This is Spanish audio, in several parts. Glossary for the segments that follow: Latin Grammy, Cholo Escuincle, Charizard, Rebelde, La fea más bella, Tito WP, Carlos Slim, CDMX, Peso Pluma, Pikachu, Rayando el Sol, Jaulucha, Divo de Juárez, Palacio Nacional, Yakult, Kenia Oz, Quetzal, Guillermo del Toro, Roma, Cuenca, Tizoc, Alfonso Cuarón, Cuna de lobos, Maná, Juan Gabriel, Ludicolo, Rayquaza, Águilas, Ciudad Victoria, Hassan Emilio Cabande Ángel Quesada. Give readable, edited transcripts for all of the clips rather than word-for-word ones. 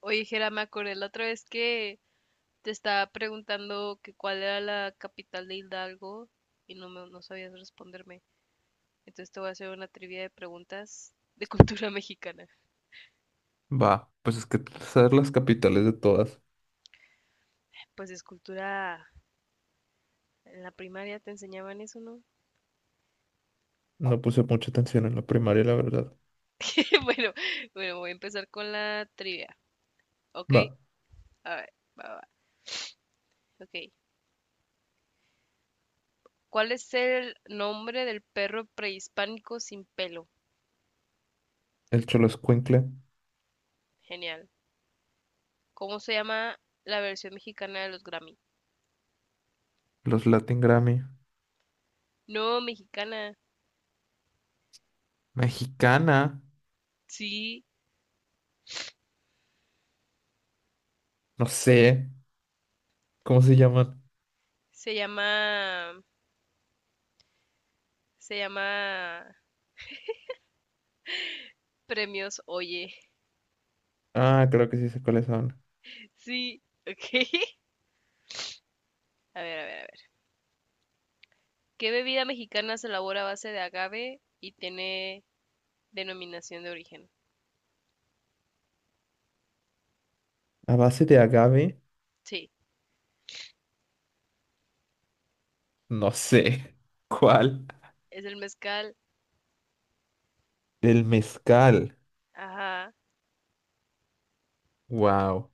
Oye, Jera, me acordé la otra vez que te estaba preguntando que cuál era la capital de Hidalgo y no sabías responderme. Entonces te voy a hacer una trivia de preguntas de cultura mexicana. Va, pues es que saber las capitales de todas. Pues es cultura, en la primaria te enseñaban eso, ¿no? No puse mucha atención en la primaria, la verdad. Bueno, bueno, voy a empezar con la trivia, ¿ok? Va, A ver, va, ok. ¿Cuál es el nombre del perro prehispánico sin pelo? el Cholo Escuincle, Genial. ¿Cómo se llama la versión mexicana de los Grammy? los Latin Grammy, No, mexicana. mexicana, Sí, no sé, ¿cómo se llaman? se llama, se llama Premios Oye. Ah, creo que sí sé cuáles son. Sí, ok. A ver. ¿Qué bebida mexicana se elabora a base de agave y tiene denominación de origen? A base de agave, Sí, no sé. ¿Cuál? es el mezcal. El mezcal. Ajá. Wow.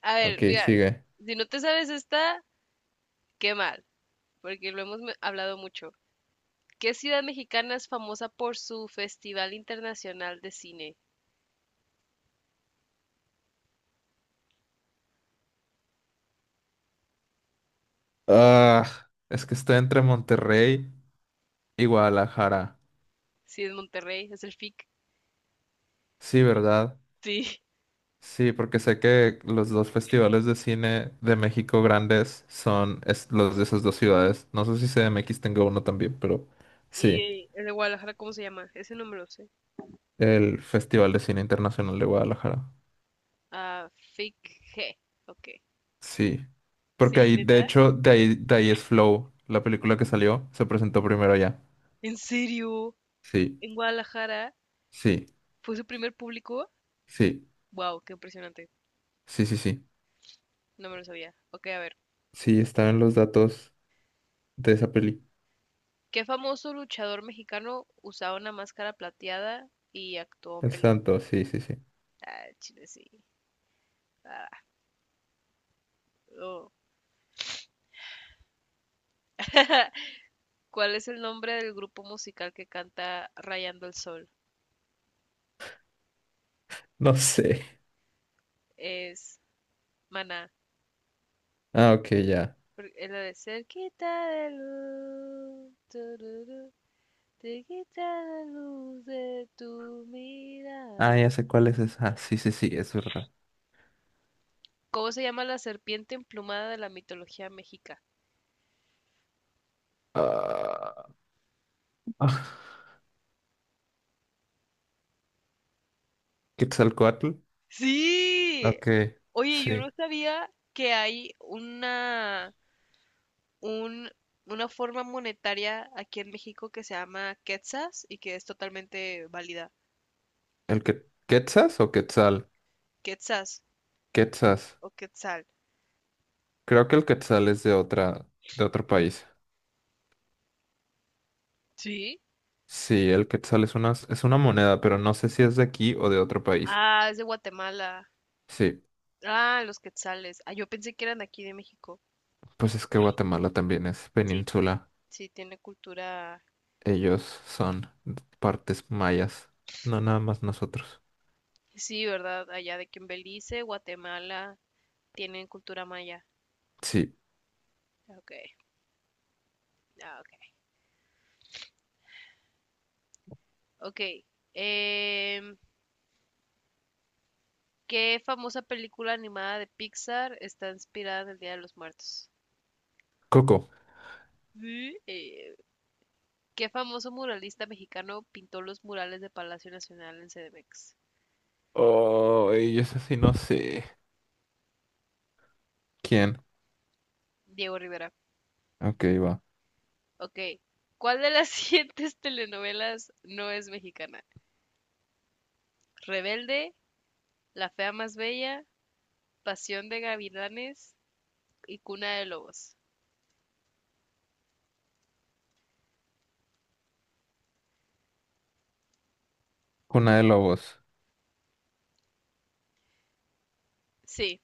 A ver, Ok, mira, sigue. si no te sabes esta, qué mal, porque lo hemos hablado mucho. ¿Qué ciudad mexicana es famosa por su Festival Internacional de Cine? Ah, es que estoy entre Monterrey y Guadalajara. Sí, es Monterrey, es el FIC. Sí, ¿verdad? Sí. Sí, porque sé que los dos festivales de cine de México grandes son los de esas dos ciudades. No sé si CDMX tenga uno también, pero ¿Y sí, el de Guadalajara cómo se llama? Ese no me lo sé. el Festival de Cine Internacional de Guadalajara. Ah, Fake G. Ok. Sí, porque Sí, ahí, de neta. hecho, de ahí es Flow, la película que salió, se presentó primero allá. ¿En serio? Sí, ¿En Guadalajara? sí, ¿Fue su primer público? sí, Wow, qué impresionante. sí, sí, sí. No me lo sabía. Ok, a ver. Sí, estaban los datos de esa peli. ¿Qué famoso luchador mexicano usaba una máscara plateada y actuó en El películas? santo, sí, sí, sí. Ah, chile, sí. Ah, oh. ¿Cuál es el nombre del grupo musical que canta Rayando el Sol? No sé. Es Maná. Ah, ok, ya. Es la de Cerquita de luz. Te quita la luz de tu Ah, ya mirada. sé cuál es esa. Ah, sí, sí, sí, es verdad. ¿Cómo se llama la serpiente emplumada de la mitología mexica? Ah, Quetzalcóatl. Sí. Ok, Oye, yo no sí. sabía que hay un, una forma monetaria aquí en México que se llama quetzas y que es totalmente válida. ¿El que Quetzas o Quetzal? Quetzas Quetzas. o quetzal. Creo que el Quetzal es de otra, de otro país. Sí. Sí, el Quetzal es una moneda, pero no sé si es de aquí o de otro país. Ah, es de Guatemala. Sí, Ah, los quetzales. Ah, yo pensé que eran de aquí de México. pues es que Guatemala también es Sí, península. sí, tiene cultura. Ellos son partes mayas. No nada más nosotros. Sí, ¿verdad? Allá de que en Belice, Guatemala, tienen cultura maya. Sí. Ok, ah, ok. Ok. em, ¿Qué famosa película animada de Pixar está inspirada en el Día de los Muertos? Coco. ¿Mm? ¿Qué famoso muralista mexicano pintó los murales de Palacio Nacional en CDMX? Oh, y eso sí no sé. ¿Quién? Diego Rivera. Ok, va. Ok. ¿Cuál de las siguientes telenovelas no es mexicana? Rebelde, La fea más bella, Pasión de gavilanes y Cuna de lobos. Cuna de Lobos. Sí,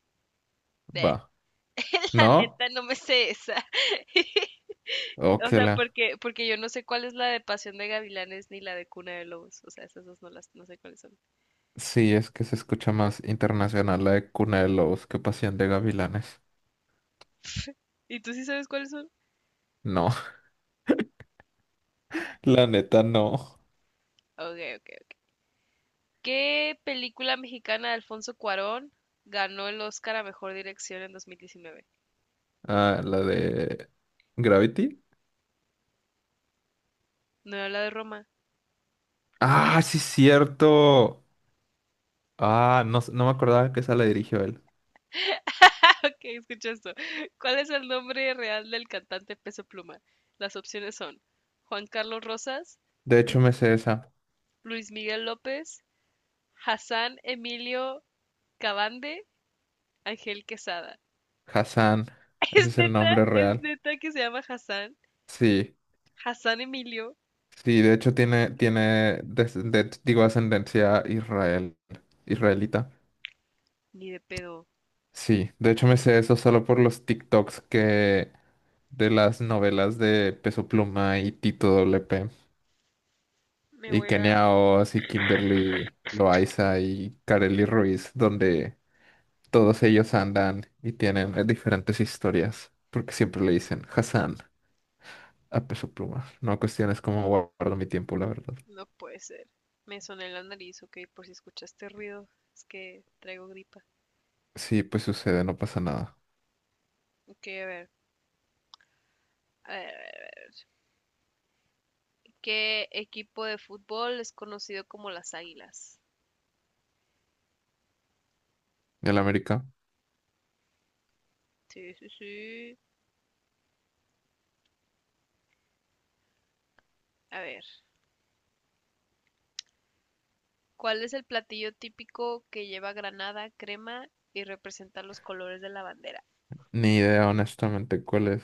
ve. Va. La ¿No? neta no me sé esa. Oh, O que sea, la. porque yo no sé cuál es la de Pasión de Gavilanes ni la de Cuna de Lobos. O sea, esas dos no sé cuáles son. Sí, es que se escucha más internacional la de Cuna de Lobos que Pasión de Gavilanes. ¿Y tú sí sabes cuáles son? No, la neta no. Ok, ok, ok. ¿Qué película mexicana de Alfonso Cuarón ganó el Oscar a Mejor Dirección en 2019? Ah, la de Gravity. No, era la de Roma. Ah, sí, cierto. Ah, no, no me acordaba que esa la dirigió él. Ah, ok, escucha esto. ¿Cuál es el nombre real del cantante Peso Pluma? Las opciones son Juan Carlos Rosas, De hecho, Luis me sé esa. Luis Miguel López, Hassan Emilio Cabande Ángel Quesada. Hassan. Ese Es es el neta, nombre es real. neta que se llama Hassan. Sí, Hassan Emilio, sí, de hecho tiene, digo, ascendencia israel, israelita. ni de pedo. Sí, de hecho me sé eso solo por los TikToks que de las novelas de Peso Pluma y Tito WP Me y voy a... Kenia Oz y Kimberly Loaiza y Karely Ruiz, donde todos ellos andan y tienen diferentes historias, porque siempre le dicen Hassan a Peso Pluma. No cuestiones cómo guardo mi tiempo, la verdad. No puede ser. Me soné la nariz, ok, por si escuchaste ruido. Es que traigo gripa. Sí, pues sucede, no pasa nada. Ok, a ver. A ver, a ver. ¿Qué equipo de fútbol es conocido como las Águilas? ¿Y el América? Sí, sí, sí. A ver. ¿Cuál es el platillo típico que lleva granada, crema y representa los colores de la bandera? Ni idea, honestamente, cuál es.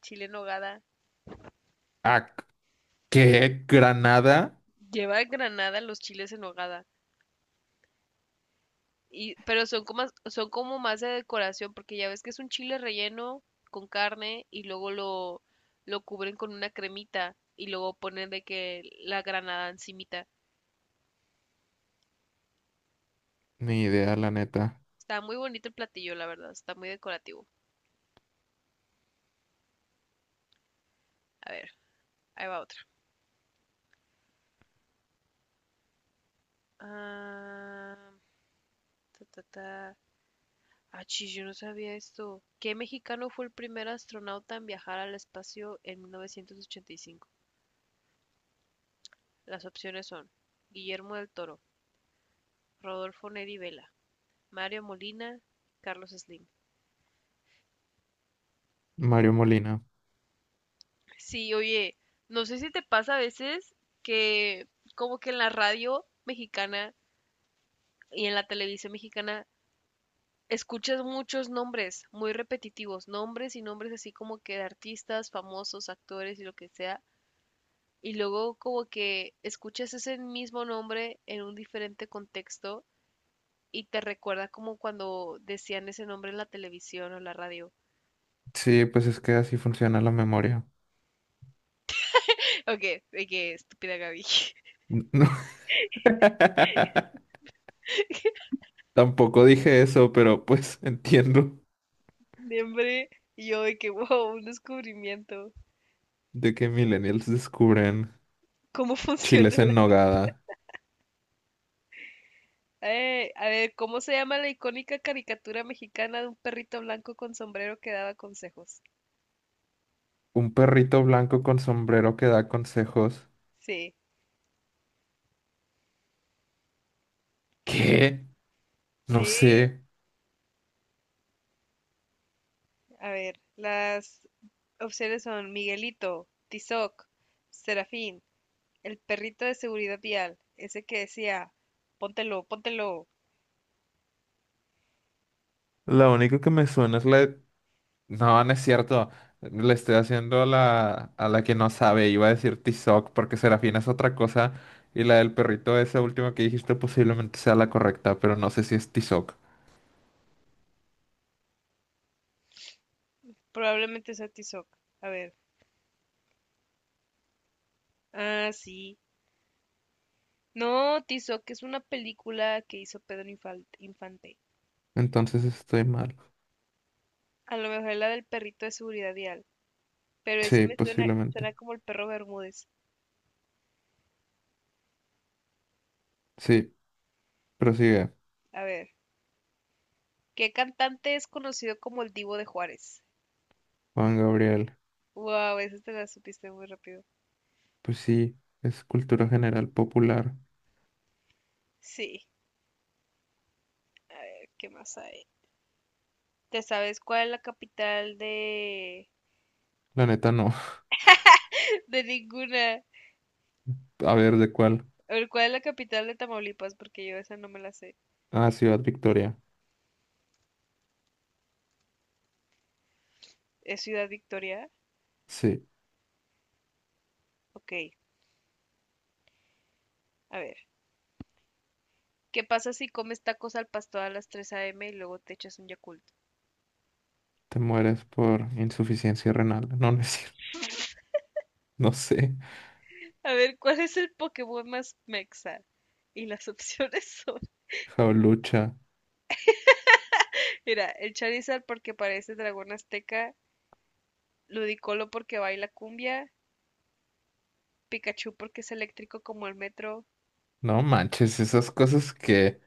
Chile en hogada. Ah, ¿qué? ¿Granada? Lleva granada los chiles en hogada. Y, pero son como más de decoración, porque ya ves que es un chile relleno con carne y luego lo cubren con una cremita y luego ponen de que la granada encimita. Ni idea, la neta. Está muy bonito el platillo, la verdad, está muy decorativo. A ver, ahí va otra. Ah, ta, ta, ta. Ah, chis, yo no sabía esto. ¿Qué mexicano fue el primer astronauta en viajar al espacio en 1985? Las opciones son Guillermo del Toro, Rodolfo Neri Vela, Mario Molina, Carlos Slim. Mario Molina. Sí, oye, no sé si te pasa a veces que como que en la radio mexicana y en la televisión mexicana escuchas muchos nombres muy repetitivos, nombres y nombres así como que de artistas, famosos, actores y lo que sea, y luego como que escuchas ese mismo nombre en un diferente contexto y te recuerda como cuando decían ese nombre en la televisión o la radio. Sí, pues es que así funciona la memoria. Ok, ok, estúpida Gaby. No. Tampoco dije eso, pero pues entiendo de hambre. Y yo de que, wow, un descubrimiento. de que millennials descubren ¿Cómo funciona chiles la... en nogada. A ver, ¿cómo se llama la icónica caricatura mexicana de un perrito blanco con sombrero que daba consejos? Un perrito blanco con sombrero que da consejos. Sí, ¿Qué? No sí. sé. A ver, las opciones son Miguelito, Tizoc, Serafín, el perrito de seguridad vial, ese que decía, póntelo. La única que me suena es la de no, no es cierto. Le estoy haciendo la, a la que no sabe. Iba a decir Tizoc porque Serafina es otra cosa. Y la del perrito, esa última que dijiste, posiblemente sea la correcta, pero no sé si es Tizoc. Probablemente sea Tizoc. A ver. Ah, sí. No, Tizoc es una película que hizo Pedro Infante. Entonces estoy mal. A lo mejor es la del perrito de seguridad vial, pero ese Sí, me posiblemente. suena como el perro Bermúdez. Sí, prosigue. A ver, ¿qué cantante es conocido como el Divo de Juárez? Juan Gabriel. Wow, esa te la supiste muy rápido. Pues sí, es cultura general popular. Sí, a ver, ¿qué más hay? ¿Te sabes cuál es la capital de... La neta no. de ninguna? A ver, ¿de cuál? A ver, ¿cuál es la capital de Tamaulipas? Porque yo esa no me la sé. Ah, Ciudad Victoria. ¿Es Ciudad Victoria? Sí, Ok, a ver. ¿Qué pasa si comes tacos al pastor a las 3 a.m. y luego te echas un Yakult? te mueres por insuficiencia renal. No, no es cierto. No sé. A ver, ¿cuál es el Pokémon más mexa? Y las opciones son, Jaulucha. mira, el Charizard porque parece dragón azteca, Ludicolo porque baila cumbia, Pikachu porque es eléctrico como el metro. No manches, esas cosas que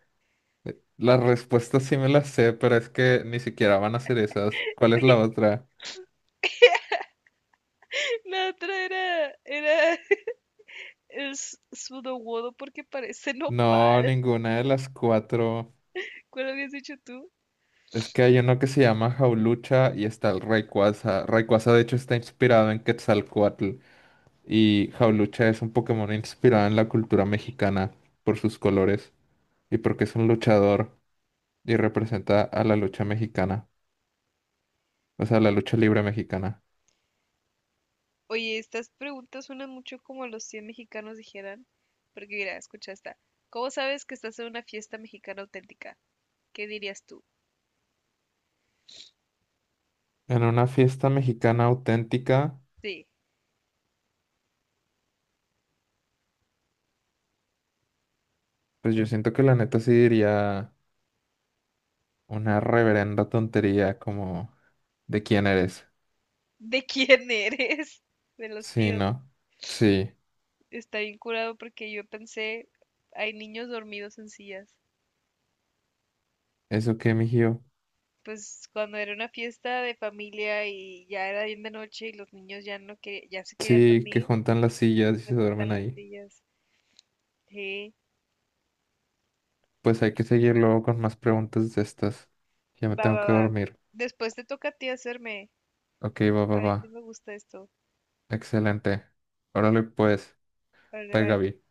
las respuestas sí me las sé, pero es que ni siquiera van a ser esas. ¿Cuál es la otra? La otra era el Sudowodo porque parece No, nopal. ninguna de las cuatro. ¿Cuál habías dicho tú? Es que hay uno que se llama Jaulucha y está el Rayquaza. Rayquaza de hecho está inspirado en Quetzalcóatl y Jaulucha es un Pokémon inspirado en la cultura mexicana por sus colores y porque es un luchador y representa a la lucha mexicana, o sea, la lucha libre mexicana. Oye, estas preguntas suenan mucho como los 100 mexicanos dijeran. Porque mira, escucha esta. ¿Cómo sabes que estás en una fiesta mexicana auténtica? ¿Qué dirías tú? En una fiesta mexicana auténtica. Sí, Pues yo siento que la neta sí diría una reverenda tontería como ¿de quién eres? ¿de quién eres? De los Sí, tíos. ¿no? Sí, Está bien curado porque yo pensé, hay niños dormidos en sillas. eso que mijío. Pues cuando era una fiesta de familia y ya era bien de noche y los niños ya no que ya se querían Sí, que dormir, juntan las sillas y me se duermen juntan las ahí. sillas. Sí, Pues hay que seguir luego con más preguntas de estas. Ya me va, tengo va, que va. dormir. Después te toca a ti hacerme. Ok, va, va, A mí va. sí me gusta esto. Excelente. Órale, pues. Vale, Bye, bye. Gaby.